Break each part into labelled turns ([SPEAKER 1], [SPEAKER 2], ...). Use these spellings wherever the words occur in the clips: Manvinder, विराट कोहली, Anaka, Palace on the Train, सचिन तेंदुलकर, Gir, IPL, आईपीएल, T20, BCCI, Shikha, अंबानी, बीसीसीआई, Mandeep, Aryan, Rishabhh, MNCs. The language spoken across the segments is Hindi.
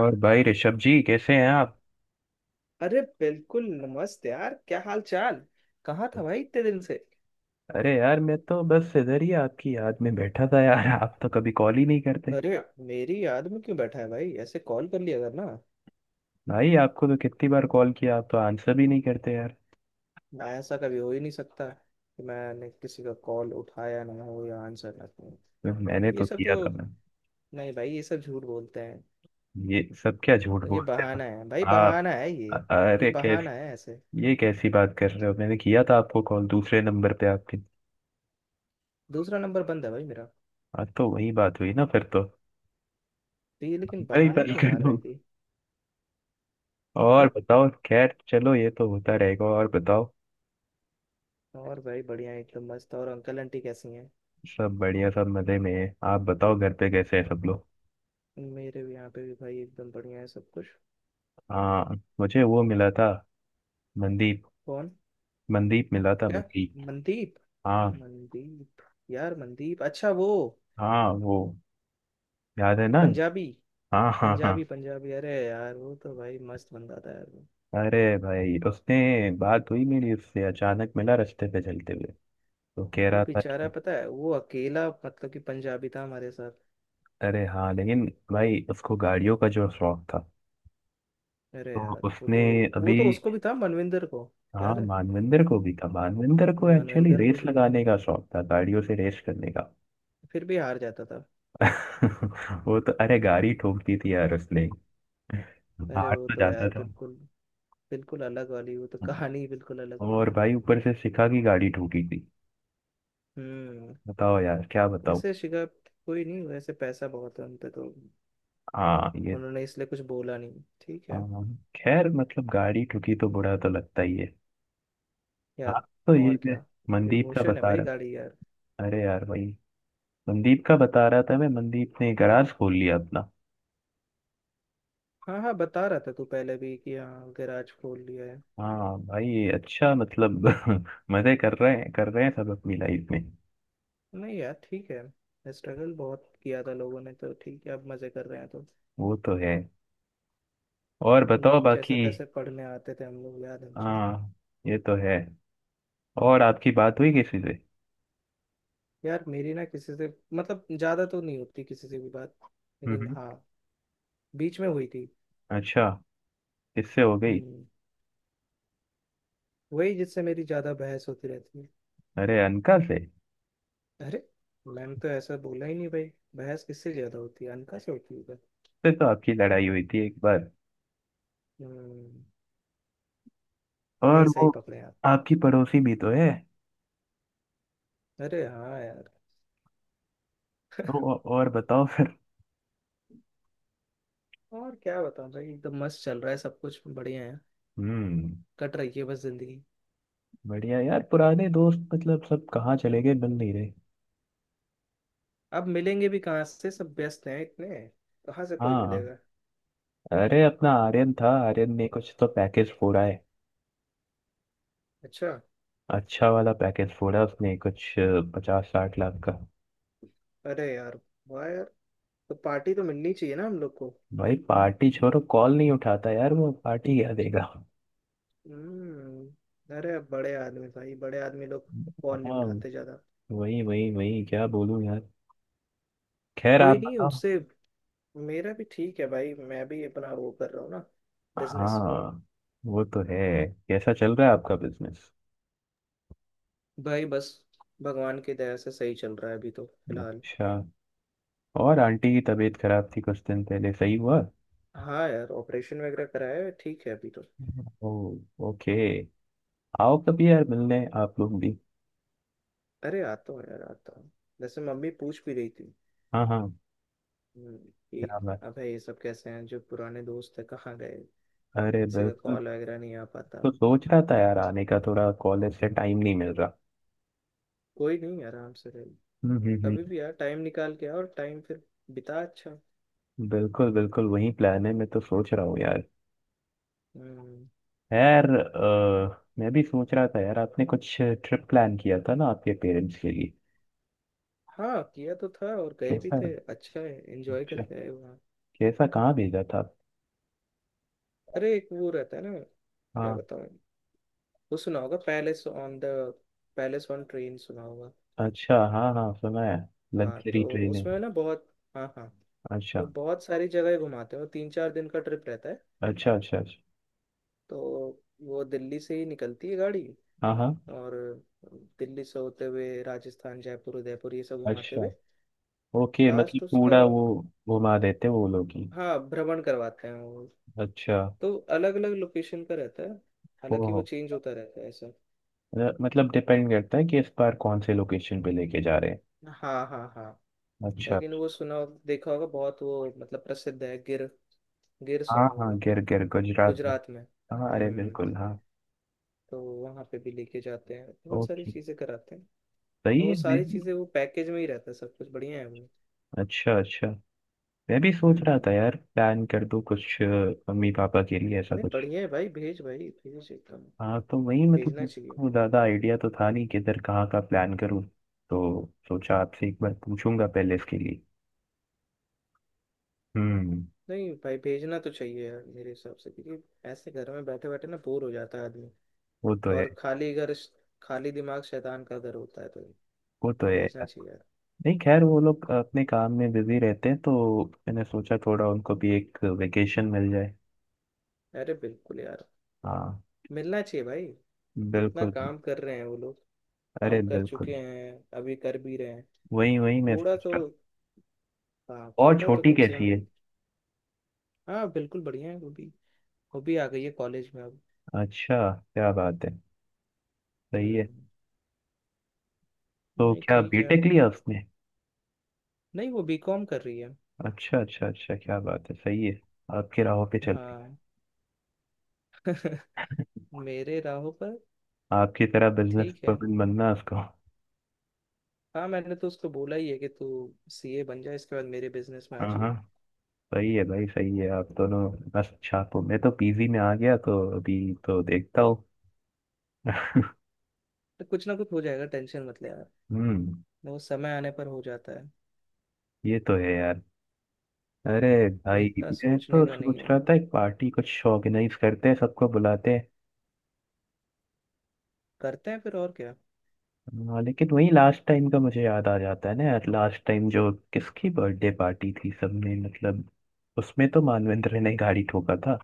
[SPEAKER 1] और भाई ऋषभ जी, कैसे हैं आप।
[SPEAKER 2] अरे बिल्कुल! नमस्ते यार, क्या हाल चाल? कहाँ था भाई इतने दिन से?
[SPEAKER 1] अरे यार, मैं तो बस इधर ही आपकी याद में बैठा था यार। आप तो कभी कॉल ही नहीं करते।
[SPEAKER 2] अरे मेरी याद में क्यों बैठा है भाई? ऐसे कॉल कर लिया करना।
[SPEAKER 1] भाई, आपको तो कितनी बार कॉल किया, आप तो आंसर भी नहीं करते यार।
[SPEAKER 2] ना, ऐसा कभी हो ही नहीं सकता कि मैंने किसी का कॉल उठाया ना हो या आंसर ना हो।
[SPEAKER 1] तो मैंने
[SPEAKER 2] ये
[SPEAKER 1] तो
[SPEAKER 2] सब तो।
[SPEAKER 1] किया था ना।
[SPEAKER 2] नहीं भाई, ये सब झूठ बोलते हैं।
[SPEAKER 1] ये सब क्या झूठ
[SPEAKER 2] तो ये
[SPEAKER 1] बोलते हो?
[SPEAKER 2] बहाना है भाई,
[SPEAKER 1] आप
[SPEAKER 2] बहाना है ये।
[SPEAKER 1] अ-
[SPEAKER 2] ये
[SPEAKER 1] अरे कैस
[SPEAKER 2] बहाना है ऐसे।
[SPEAKER 1] ये कैसी बात कर रहे हो? मैंने किया था आपको कॉल, दूसरे नंबर पे आपके।
[SPEAKER 2] दूसरा नंबर बंद है भाई मेरा।
[SPEAKER 1] आज तो वही बात हुई ना फिर तो।
[SPEAKER 2] तो ये लेकिन
[SPEAKER 1] मैं ही
[SPEAKER 2] बहाना
[SPEAKER 1] कॉल
[SPEAKER 2] क्यों
[SPEAKER 1] कर
[SPEAKER 2] मार रहा
[SPEAKER 1] दूँ।
[SPEAKER 2] है कि।
[SPEAKER 1] और
[SPEAKER 2] हाँ।
[SPEAKER 1] बताओ। खैर चलो, ये तो होता रहेगा। और बताओ।
[SPEAKER 2] और भाई बढ़िया, एकदम मस्त। और अंकल आंटी कैसी हैं?
[SPEAKER 1] सब बढ़िया, सब मजे में है। आप बताओ, घर पे कैसे हैं सब लोग।
[SPEAKER 2] मेरे भी यहाँ पे भी भाई एकदम बढ़िया है सब कुछ।
[SPEAKER 1] हाँ, मुझे वो मिला था। मनदीप।
[SPEAKER 2] कौन?
[SPEAKER 1] मनदीप मिला था,
[SPEAKER 2] क्या?
[SPEAKER 1] मनदीप।
[SPEAKER 2] मनदीप?
[SPEAKER 1] हाँ।
[SPEAKER 2] मनदीप। यार मनदीप, अच्छा वो।
[SPEAKER 1] हाँ वो, याद है ना।
[SPEAKER 2] पंजाबी।
[SPEAKER 1] हाँ, हाँ, हाँ।
[SPEAKER 2] पंजाबी पंजाबी! अरे यार वो तो भाई मस्त बंदा था यार वो।
[SPEAKER 1] अरे भाई, उसने, बात हुई मेरी उससे, अचानक मिला रास्ते पे चलते हुए। तो कह
[SPEAKER 2] वो
[SPEAKER 1] रहा था
[SPEAKER 2] बेचारा
[SPEAKER 1] कि,
[SPEAKER 2] पता है, वो अकेला मतलब कि पंजाबी था हमारे साथ।
[SPEAKER 1] अरे हाँ लेकिन, भाई उसको गाड़ियों का जो शौक था,
[SPEAKER 2] अरे
[SPEAKER 1] तो
[SPEAKER 2] यार वो
[SPEAKER 1] उसने,
[SPEAKER 2] तो। वो
[SPEAKER 1] अभी।
[SPEAKER 2] तो उसको भी था, मनविंदर को।
[SPEAKER 1] हाँ,
[SPEAKER 2] याद है।
[SPEAKER 1] मानविंदर को भी था। मानविंदर को एक्चुअली
[SPEAKER 2] मनविंदर को
[SPEAKER 1] रेस
[SPEAKER 2] भी।
[SPEAKER 1] लगाने का शौक था, गाड़ियों से रेस करने का।
[SPEAKER 2] फिर भी हार जाता था।
[SPEAKER 1] वो तो, अरे गाड़ी ठोकती थी यार उसने।
[SPEAKER 2] अरे
[SPEAKER 1] हार
[SPEAKER 2] वो
[SPEAKER 1] तो
[SPEAKER 2] तो
[SPEAKER 1] जाता
[SPEAKER 2] यार
[SPEAKER 1] था।
[SPEAKER 2] बिल्कुल। बिल्कुल अलग वाली, वो तो कहानी बिल्कुल अलग थी।
[SPEAKER 1] और भाई, ऊपर से शिखा की गाड़ी ठोकी थी।
[SPEAKER 2] हम्म।
[SPEAKER 1] बताओ यार, क्या बताओ।
[SPEAKER 2] वैसे शिखा। कोई नहीं, वैसे पैसा बहुत है उन पे तो।
[SPEAKER 1] हाँ ये,
[SPEAKER 2] उन्होंने इसलिए कुछ बोला नहीं, ठीक है।
[SPEAKER 1] हाँ। खैर, मतलब गाड़ी ठुकी तो बुरा तो लगता ही है। हाँ।
[SPEAKER 2] यार।
[SPEAKER 1] तो ये
[SPEAKER 2] और
[SPEAKER 1] मैं
[SPEAKER 2] क्या।
[SPEAKER 1] मनदीप का
[SPEAKER 2] इमोशन है
[SPEAKER 1] बता
[SPEAKER 2] भाई, गाड़ी
[SPEAKER 1] रहा।
[SPEAKER 2] यार।
[SPEAKER 1] अरे यार भाई, मनदीप का बता रहा था मैं, मनदीप ने गराज खोल लिया अपना।
[SPEAKER 2] हाँ हाँ, बता रहा था तू पहले भी कि हाँ गैराज खोल लिया है।
[SPEAKER 1] हाँ भाई, अच्छा मतलब। मजे कर रहे हैं, कर रहे हैं सब अपनी लाइफ में।
[SPEAKER 2] नहीं यार ठीक है, स्ट्रगल बहुत किया था लोगों ने तो ठीक है, अब मजे कर रहे हैं तो।
[SPEAKER 1] वो तो है। और बताओ
[SPEAKER 2] जैसे
[SPEAKER 1] बाकी।
[SPEAKER 2] तैसे पढ़ने आते थे हम लोग, याद है हमको।
[SPEAKER 1] हाँ ये तो है। और आपकी बात हुई किसी से?
[SPEAKER 2] यार मेरी ना किसी से। मतलब ज्यादा तो नहीं होती किसी से भी बात। लेकिन
[SPEAKER 1] हम्म।
[SPEAKER 2] हाँ। बीच में हुई थी।
[SPEAKER 1] अच्छा, किससे हो गई?
[SPEAKER 2] हम्म। वही जिससे मेरी ज्यादा बहस होती रहती है।
[SPEAKER 1] अरे, अनका से?
[SPEAKER 2] अरे मैम तो ऐसा बोला ही नहीं भाई। बहस किससे ज्यादा होती है? अनका से होती है।
[SPEAKER 1] से तो आपकी लड़ाई हुई थी एक बार।
[SPEAKER 2] हम्म। नहीं,
[SPEAKER 1] और
[SPEAKER 2] सही
[SPEAKER 1] वो,
[SPEAKER 2] पकड़े आपने।
[SPEAKER 1] आपकी पड़ोसी भी तो है।
[SPEAKER 2] अरे हाँ यार।
[SPEAKER 1] तो और बताओ फिर।
[SPEAKER 2] और क्या बताऊं भाई, एकदम मस्त चल रहा है, सब कुछ बढ़िया है।
[SPEAKER 1] हम्म।
[SPEAKER 2] कट रही है बस जिंदगी।
[SPEAKER 1] बढ़िया यार, पुराने दोस्त मतलब सब कहाँ चले गए, मिल नहीं रहे।
[SPEAKER 2] अब मिलेंगे भी कहाँ से, सब व्यस्त हैं इतने। कहाँ से कोई
[SPEAKER 1] हाँ।
[SPEAKER 2] मिलेगा।
[SPEAKER 1] अरे, अपना आर्यन था, आर्यन ने कुछ तो पैकेज फोड़ा है।
[SPEAKER 2] अच्छा।
[SPEAKER 1] अच्छा वाला पैकेज फोड़ा उसने कुछ, 50-60 लाख का।
[SPEAKER 2] अरे यार। वाह यार। तो पार्टी तो मिलनी चाहिए ना हम लोग को।
[SPEAKER 1] भाई, पार्टी छोड़ो, कॉल नहीं उठाता यार वो, पार्टी क्या देगा।
[SPEAKER 2] अरे अब बड़े आदमी भाई, बड़े आदमी लोग। फोन नहीं
[SPEAKER 1] हाँ,
[SPEAKER 2] उठाते ज्यादा।
[SPEAKER 1] वही वही वही, क्या बोलूं यार। खैर, आप
[SPEAKER 2] कोई नहीं
[SPEAKER 1] बताओ।
[SPEAKER 2] उनसे। मेरा भी ठीक है भाई, मैं भी अपना वो कर रहा हूँ ना। बिजनेस।
[SPEAKER 1] हाँ वो तो है। कैसा चल रहा है आपका बिजनेस?
[SPEAKER 2] भाई बस। भगवान की दया से सही चल रहा है अभी तो फिलहाल।
[SPEAKER 1] अच्छा। और आंटी की तबीयत खराब थी कुछ दिन पहले, सही हुआ?
[SPEAKER 2] हाँ यार, ऑपरेशन वगैरह कराया है, ठीक है अभी तो।
[SPEAKER 1] ओ, ओके। आओ कभी यार मिलने, आप लोग भी।
[SPEAKER 2] अरे आता हूँ यार, आता हूँ। वैसे मम्मी पूछ भी रही थी।
[SPEAKER 1] हाँ हाँ।
[SPEAKER 2] कि।
[SPEAKER 1] क्या बात।
[SPEAKER 2] अब है ये सब कैसे हैं, जो पुराने दोस्त है, कहाँ गए।
[SPEAKER 1] अरे
[SPEAKER 2] किसी का
[SPEAKER 1] बिल्कुल।
[SPEAKER 2] कॉल वगैरह नहीं आ पाता।
[SPEAKER 1] तो सोच रहा था यार आने का, थोड़ा कॉलेज से टाइम नहीं मिल रहा।
[SPEAKER 2] कोई नहीं, आराम से रहे।
[SPEAKER 1] हम्म।
[SPEAKER 2] कभी भी यार टाइम निकाल के, और टाइम फिर बिता। अच्छा।
[SPEAKER 1] बिल्कुल बिल्कुल वही प्लान है, मैं तो सोच रहा हूँ यार।
[SPEAKER 2] हम्म।
[SPEAKER 1] यार मैं भी सोच रहा था यार, आपने कुछ ट्रिप प्लान किया था ना आपके पेरेंट्स के लिए।
[SPEAKER 2] हाँ किया तो था, और गए भी
[SPEAKER 1] कैसा।
[SPEAKER 2] थे। अच्छा है, एंजॉय
[SPEAKER 1] अच्छा,
[SPEAKER 2] करके आए वहाँ।
[SPEAKER 1] कैसा, कहाँ भेजा था?
[SPEAKER 2] अरे एक वो रहता है ना। क्या
[SPEAKER 1] हाँ,
[SPEAKER 2] बताऊँ। वो सुना होगा, palace on the. Palace on train सुना होगा।
[SPEAKER 1] अच्छा, हाँ हाँ सुना है।
[SPEAKER 2] हाँ तो।
[SPEAKER 1] लग्जरी ट्रेन है।
[SPEAKER 2] उसमें ना बहुत। हाँ हाँ। तो
[SPEAKER 1] अच्छा
[SPEAKER 2] बहुत सारी जगह घुमाते हो, 3-4 दिन का ट्रिप रहता है।
[SPEAKER 1] अच्छा अच्छा। अच्छा।
[SPEAKER 2] तो वो दिल्ली से ही निकलती है गाड़ी।
[SPEAKER 1] हाँ हाँ।
[SPEAKER 2] और दिल्ली से होते हुए राजस्थान, जयपुर, उदयपुर ये सब घुमाते
[SPEAKER 1] अच्छा,
[SPEAKER 2] हुए।
[SPEAKER 1] ओके, मतलब
[SPEAKER 2] लास्ट उसका।
[SPEAKER 1] पूरा वो घुमा देते वो लोग ही?
[SPEAKER 2] हाँ, भ्रमण करवाते हैं वो।
[SPEAKER 1] अच्छा।
[SPEAKER 2] तो अलग अलग लोकेशन का रहता है। हालांकि
[SPEAKER 1] ओहो,
[SPEAKER 2] वो चेंज होता रहता है, ऐसा।
[SPEAKER 1] मतलब डिपेंड करता है कि इस बार कौन से लोकेशन पे लेके जा रहे
[SPEAKER 2] हाँ हाँ हाँ।
[SPEAKER 1] हैं। अच्छा।
[SPEAKER 2] लेकिन वो सुना। देखा होगा बहुत वो, मतलब प्रसिद्ध है गिर। गिर
[SPEAKER 1] हाँ
[SPEAKER 2] सुना
[SPEAKER 1] हाँ,
[SPEAKER 2] होगा।
[SPEAKER 1] गिर, गिर गुजरात में।
[SPEAKER 2] गुजरात में।
[SPEAKER 1] हाँ, अरे
[SPEAKER 2] हम्म।
[SPEAKER 1] बिल्कुल हाँ।
[SPEAKER 2] तो वहाँ पे भी लेके जाते हैं, बहुत सारी
[SPEAKER 1] ओके,
[SPEAKER 2] चीज़ें कराते हैं।
[SPEAKER 1] सही
[SPEAKER 2] वो
[SPEAKER 1] है। मैं,
[SPEAKER 2] सारी चीजें वो पैकेज में ही रहता है, सब कुछ बढ़िया है वो।
[SPEAKER 1] अच्छा अच्छा, मैं भी सोच रहा
[SPEAKER 2] हम्म।
[SPEAKER 1] था यार, प्लान कर दूं कुछ मम्मी पापा के लिए ऐसा
[SPEAKER 2] नहीं
[SPEAKER 1] कुछ।
[SPEAKER 2] बढ़िया है भाई, भेज भाई भेज एकदम।
[SPEAKER 1] हाँ तो वही मतलब,
[SPEAKER 2] भेजना चाहिए।
[SPEAKER 1] मुझको ज़्यादा आइडिया तो था नहीं किधर, कहाँ का प्लान करूँ। तो सोचा आपसे एक बार पूछूंगा पहले इसके लिए। हम्म।
[SPEAKER 2] नहीं भाई, भेजना तो चाहिए यार मेरे हिसाब से क्योंकि। ऐसे घर में बैठे बैठे ना बोर हो जाता है आदमी।
[SPEAKER 1] वो तो है।
[SPEAKER 2] और खाली घर। खाली दिमाग शैतान का घर होता है तो।
[SPEAKER 1] वो तो है
[SPEAKER 2] भेजना
[SPEAKER 1] यार।
[SPEAKER 2] चाहिए यार।
[SPEAKER 1] नहीं खैर, वो लोग अपने काम में बिजी रहते हैं तो मैंने सोचा थोड़ा उनको भी एक वेकेशन मिल जाए।
[SPEAKER 2] अरे बिल्कुल यार।
[SPEAKER 1] हाँ।
[SPEAKER 2] मिलना चाहिए भाई। इतना
[SPEAKER 1] बिल्कुल।
[SPEAKER 2] काम कर रहे हैं वो लोग।
[SPEAKER 1] अरे
[SPEAKER 2] काम कर
[SPEAKER 1] बिल्कुल।
[SPEAKER 2] चुके हैं। अभी कर भी रहे हैं।
[SPEAKER 1] वही वही मैं
[SPEAKER 2] थोड़ा
[SPEAKER 1] सोच
[SPEAKER 2] तो।
[SPEAKER 1] रहा।
[SPEAKER 2] हाँ
[SPEAKER 1] और
[SPEAKER 2] थोड़ा तो
[SPEAKER 1] छोटी
[SPEAKER 2] कम से कम।
[SPEAKER 1] कैसी है?
[SPEAKER 2] हाँ बिल्कुल, बढ़िया है वो भी। वो भी आ गई है कॉलेज में अब।
[SPEAKER 1] अच्छा, क्या बात है, सही है।
[SPEAKER 2] हम्म।
[SPEAKER 1] तो
[SPEAKER 2] नहीं
[SPEAKER 1] क्या
[SPEAKER 2] ठीक है अब।
[SPEAKER 1] बीटेक लिया उसने?
[SPEAKER 2] नहीं, वो बीकॉम कर रही है।
[SPEAKER 1] अच्छा अच्छा अच्छा, क्या बात है, सही है। आपके राहों पे चलती।
[SPEAKER 2] हाँ। मेरे राहों पर।
[SPEAKER 1] आपकी तरह बिजनेस
[SPEAKER 2] ठीक है।
[SPEAKER 1] बनना उसको, हाँ।
[SPEAKER 2] हाँ मैंने तो उसको बोला ही है कि तू। सीए बन जा, इसके बाद मेरे बिजनेस में आ जाइए।
[SPEAKER 1] हाँ, सही है भाई, सही है आप दोनों। मस्त छापो, मैं तो पीजी में आ गया तो अभी तो देखता हूँ।
[SPEAKER 2] तो कुछ ना कुछ हो जाएगा, टेंशन मत ले यार।
[SPEAKER 1] हम्म।
[SPEAKER 2] वो समय आने पर हो जाता है।
[SPEAKER 1] ये तो है यार। अरे
[SPEAKER 2] तो
[SPEAKER 1] भाई,
[SPEAKER 2] इतना
[SPEAKER 1] मैं तो
[SPEAKER 2] सोचने का नहीं
[SPEAKER 1] सोच
[SPEAKER 2] है।
[SPEAKER 1] रहा था एक पार्टी कुछ ऑर्गेनाइज करते हैं, सबको बुलाते हैं।
[SPEAKER 2] करते हैं फिर, और क्या।
[SPEAKER 1] हाँ लेकिन वही लास्ट टाइम का मुझे याद आ जाता है ना यार, लास्ट टाइम जो किसकी बर्थडे पार्टी थी, सबने मतलब, उसमें तो मानवेंद्र ने गाड़ी ठोका था।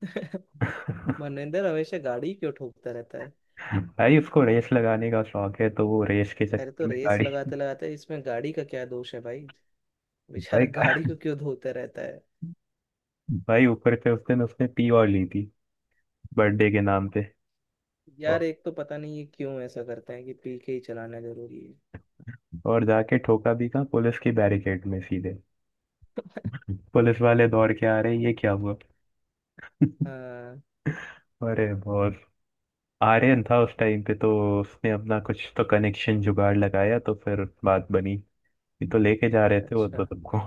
[SPEAKER 2] मनिंदर हमेशा गाड़ी क्यों ठोकता रहता है?
[SPEAKER 1] भाई, उसको रेस लगाने का शौक है तो वो रेस के
[SPEAKER 2] अरे
[SPEAKER 1] चक्कर
[SPEAKER 2] तो
[SPEAKER 1] में
[SPEAKER 2] रेस
[SPEAKER 1] गाड़ी।
[SPEAKER 2] लगाते लगाते इसमें गाड़ी का क्या दोष है भाई।
[SPEAKER 1] भाई,
[SPEAKER 2] बेचारा गाड़ी को क्यों धोता रहता है।
[SPEAKER 1] भाई ऊपर से उस दिन उसने पी और ली थी बर्थडे के नाम पे।
[SPEAKER 2] यार
[SPEAKER 1] और,
[SPEAKER 2] एक तो पता नहीं ये क्यों ऐसा करते हैं कि पी के ही चलाना जरूरी है।
[SPEAKER 1] और जाके ठोका भी कहाँ, पुलिस की बैरिकेड में सीधे। पुलिस वाले दौड़ के आ रहे, ये क्या हुआ।
[SPEAKER 2] हाँ।
[SPEAKER 1] अरे बहुत, आर्यन था उस टाइम पे तो, उसने अपना कुछ तो कनेक्शन जुगाड़ लगाया तो फिर बात बनी। ये तो लेके जा रहे थे वो तो
[SPEAKER 2] अच्छा।
[SPEAKER 1] सबको।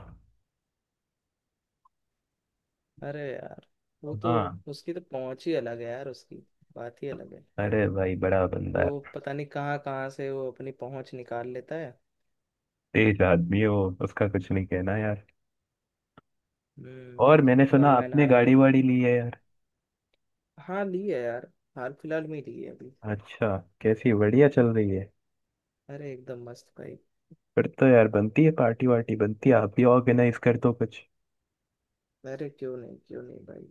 [SPEAKER 2] अरे यार वो तो।
[SPEAKER 1] हाँ।
[SPEAKER 2] उसकी तो पहुंच ही अलग है यार उसकी। बात ही अलग है।
[SPEAKER 1] अरे भाई, बड़ा बंदा
[SPEAKER 2] वो
[SPEAKER 1] है।
[SPEAKER 2] पता नहीं कहाँ कहाँ से वो अपनी पहुंच निकाल लेता है।
[SPEAKER 1] तेज आदमी है वो, उसका कुछ नहीं कहना यार। और मैंने
[SPEAKER 2] हम्म। वन
[SPEAKER 1] सुना
[SPEAKER 2] मैन
[SPEAKER 1] आपने
[SPEAKER 2] आर्मी।
[SPEAKER 1] गाड़ी वाड़ी ली है यार।
[SPEAKER 2] हाँ ली है यार। हाल फिलहाल में ही ली है अभी।
[SPEAKER 1] अच्छा, कैसी, बढ़िया चल रही है?
[SPEAKER 2] अरे एकदम मस्त भाई।
[SPEAKER 1] फिर तो यार बनती है पार्टी वार्टी, बनती है, आप भी ऑर्गेनाइज कर दो कुछ।
[SPEAKER 2] अरे क्यों नहीं, क्यों नहीं भाई।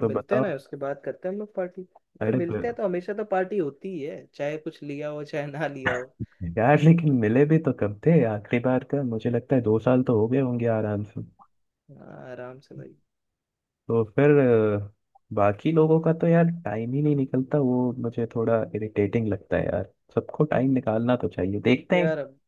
[SPEAKER 1] तो
[SPEAKER 2] मिलते हैं
[SPEAKER 1] बताओ।
[SPEAKER 2] ना, उसके बाद करते हैं हम लोग पार्टी। अरे
[SPEAKER 1] अरे
[SPEAKER 2] मिलते
[SPEAKER 1] ब-
[SPEAKER 2] हैं तो हमेशा तो पार्टी होती ही है, चाहे कुछ लिया हो चाहे ना लिया हो।
[SPEAKER 1] यार लेकिन मिले भी तो कब थे? आखिरी बार का मुझे लगता है 2 साल तो हो गए होंगे आराम से।
[SPEAKER 2] हाँ आराम से भाई।
[SPEAKER 1] तो फिर, अ, बाकी लोगों का तो यार टाइम ही नहीं निकलता, वो मुझे थोड़ा इरिटेटिंग लगता है यार। सबको टाइम निकालना तो चाहिए, देखते हैं।
[SPEAKER 2] यार अब।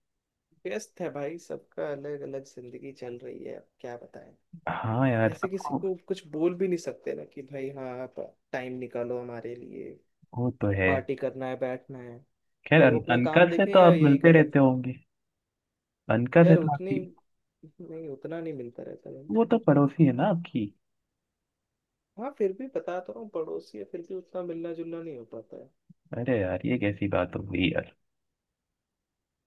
[SPEAKER 2] व्यस्त है भाई सबका, अलग अलग जिंदगी चल रही है अब, क्या बताएं।
[SPEAKER 1] हाँ यार
[SPEAKER 2] ऐसे किसी
[SPEAKER 1] सबको।
[SPEAKER 2] को कुछ बोल भी नहीं सकते ना कि भाई, हाँ आप। टाइम निकालो हमारे लिए।
[SPEAKER 1] वो तो है।
[SPEAKER 2] पार्टी करना है, बैठना है।
[SPEAKER 1] खैर
[SPEAKER 2] और वो अपना
[SPEAKER 1] अनका
[SPEAKER 2] काम
[SPEAKER 1] से
[SPEAKER 2] देखें
[SPEAKER 1] तो
[SPEAKER 2] या
[SPEAKER 1] आप
[SPEAKER 2] यही
[SPEAKER 1] मिलते
[SPEAKER 2] करें।
[SPEAKER 1] रहते होंगे। अनका से
[SPEAKER 2] यार
[SPEAKER 1] तो
[SPEAKER 2] उतनी।
[SPEAKER 1] आपकी,
[SPEAKER 2] नहीं, उतना नहीं मिलता रहता है।
[SPEAKER 1] वो तो पड़ोसी है ना आपकी।
[SPEAKER 2] हाँ फिर भी बता तो रहा हूँ, पड़ोसी है फिर भी उतना मिलना जुलना नहीं हो पाता है।
[SPEAKER 1] अरे यार, ये कैसी बात हो गई यार।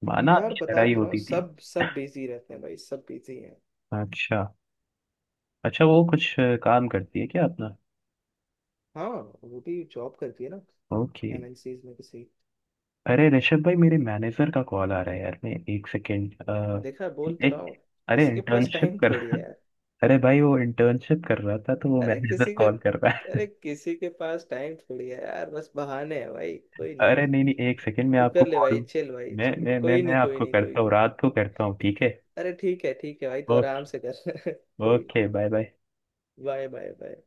[SPEAKER 1] माना
[SPEAKER 2] यार
[SPEAKER 1] आपकी
[SPEAKER 2] बता
[SPEAKER 1] लड़ाई
[SPEAKER 2] तो रहा हूँ,
[SPEAKER 1] होती थी।
[SPEAKER 2] सब सब बिजी रहते हैं भाई, सब बिजी हैं।
[SPEAKER 1] अच्छा। अच्छा, वो कुछ काम करती है क्या अपना?
[SPEAKER 2] हाँ। वो भी जॉब करती है ना।
[SPEAKER 1] ओके।
[SPEAKER 2] एमएनसीज में किसी।
[SPEAKER 1] अरे ऋषभ भाई, मेरे मैनेजर का कॉल आ रहा है यार, मैं एक सेकेंड,
[SPEAKER 2] देखा, बोल तो रहा
[SPEAKER 1] एक,
[SPEAKER 2] हूँ।
[SPEAKER 1] अरे
[SPEAKER 2] इसके पास
[SPEAKER 1] इंटर्नशिप
[SPEAKER 2] टाइम
[SPEAKER 1] कर।
[SPEAKER 2] थोड़ी है।
[SPEAKER 1] अरे भाई, वो इंटर्नशिप कर रहा था तो वो
[SPEAKER 2] अरे
[SPEAKER 1] मैनेजर
[SPEAKER 2] किसी का।
[SPEAKER 1] कॉल कर रहा है।
[SPEAKER 2] अरे किसी के पास टाइम थोड़ी है यार, बस बहाने हैं भाई, कोई नहीं।
[SPEAKER 1] अरे नहीं नहीं, एक सेकेंड, मैं
[SPEAKER 2] तू
[SPEAKER 1] आपको
[SPEAKER 2] कर ले
[SPEAKER 1] कॉल,
[SPEAKER 2] भाई, चल भाई
[SPEAKER 1] मैं
[SPEAKER 2] चल,
[SPEAKER 1] मैं मैं
[SPEAKER 2] कोई
[SPEAKER 1] मैं
[SPEAKER 2] नहीं कोई
[SPEAKER 1] आपको
[SPEAKER 2] नहीं कोई
[SPEAKER 1] करता हूँ,
[SPEAKER 2] नहीं।
[SPEAKER 1] रात को करता हूँ, ठीक है।
[SPEAKER 2] अरे ठीक है भाई, तू
[SPEAKER 1] ओके।
[SPEAKER 2] आराम से कर। कोई।
[SPEAKER 1] Okay, bye bye.
[SPEAKER 2] Bye bye bye.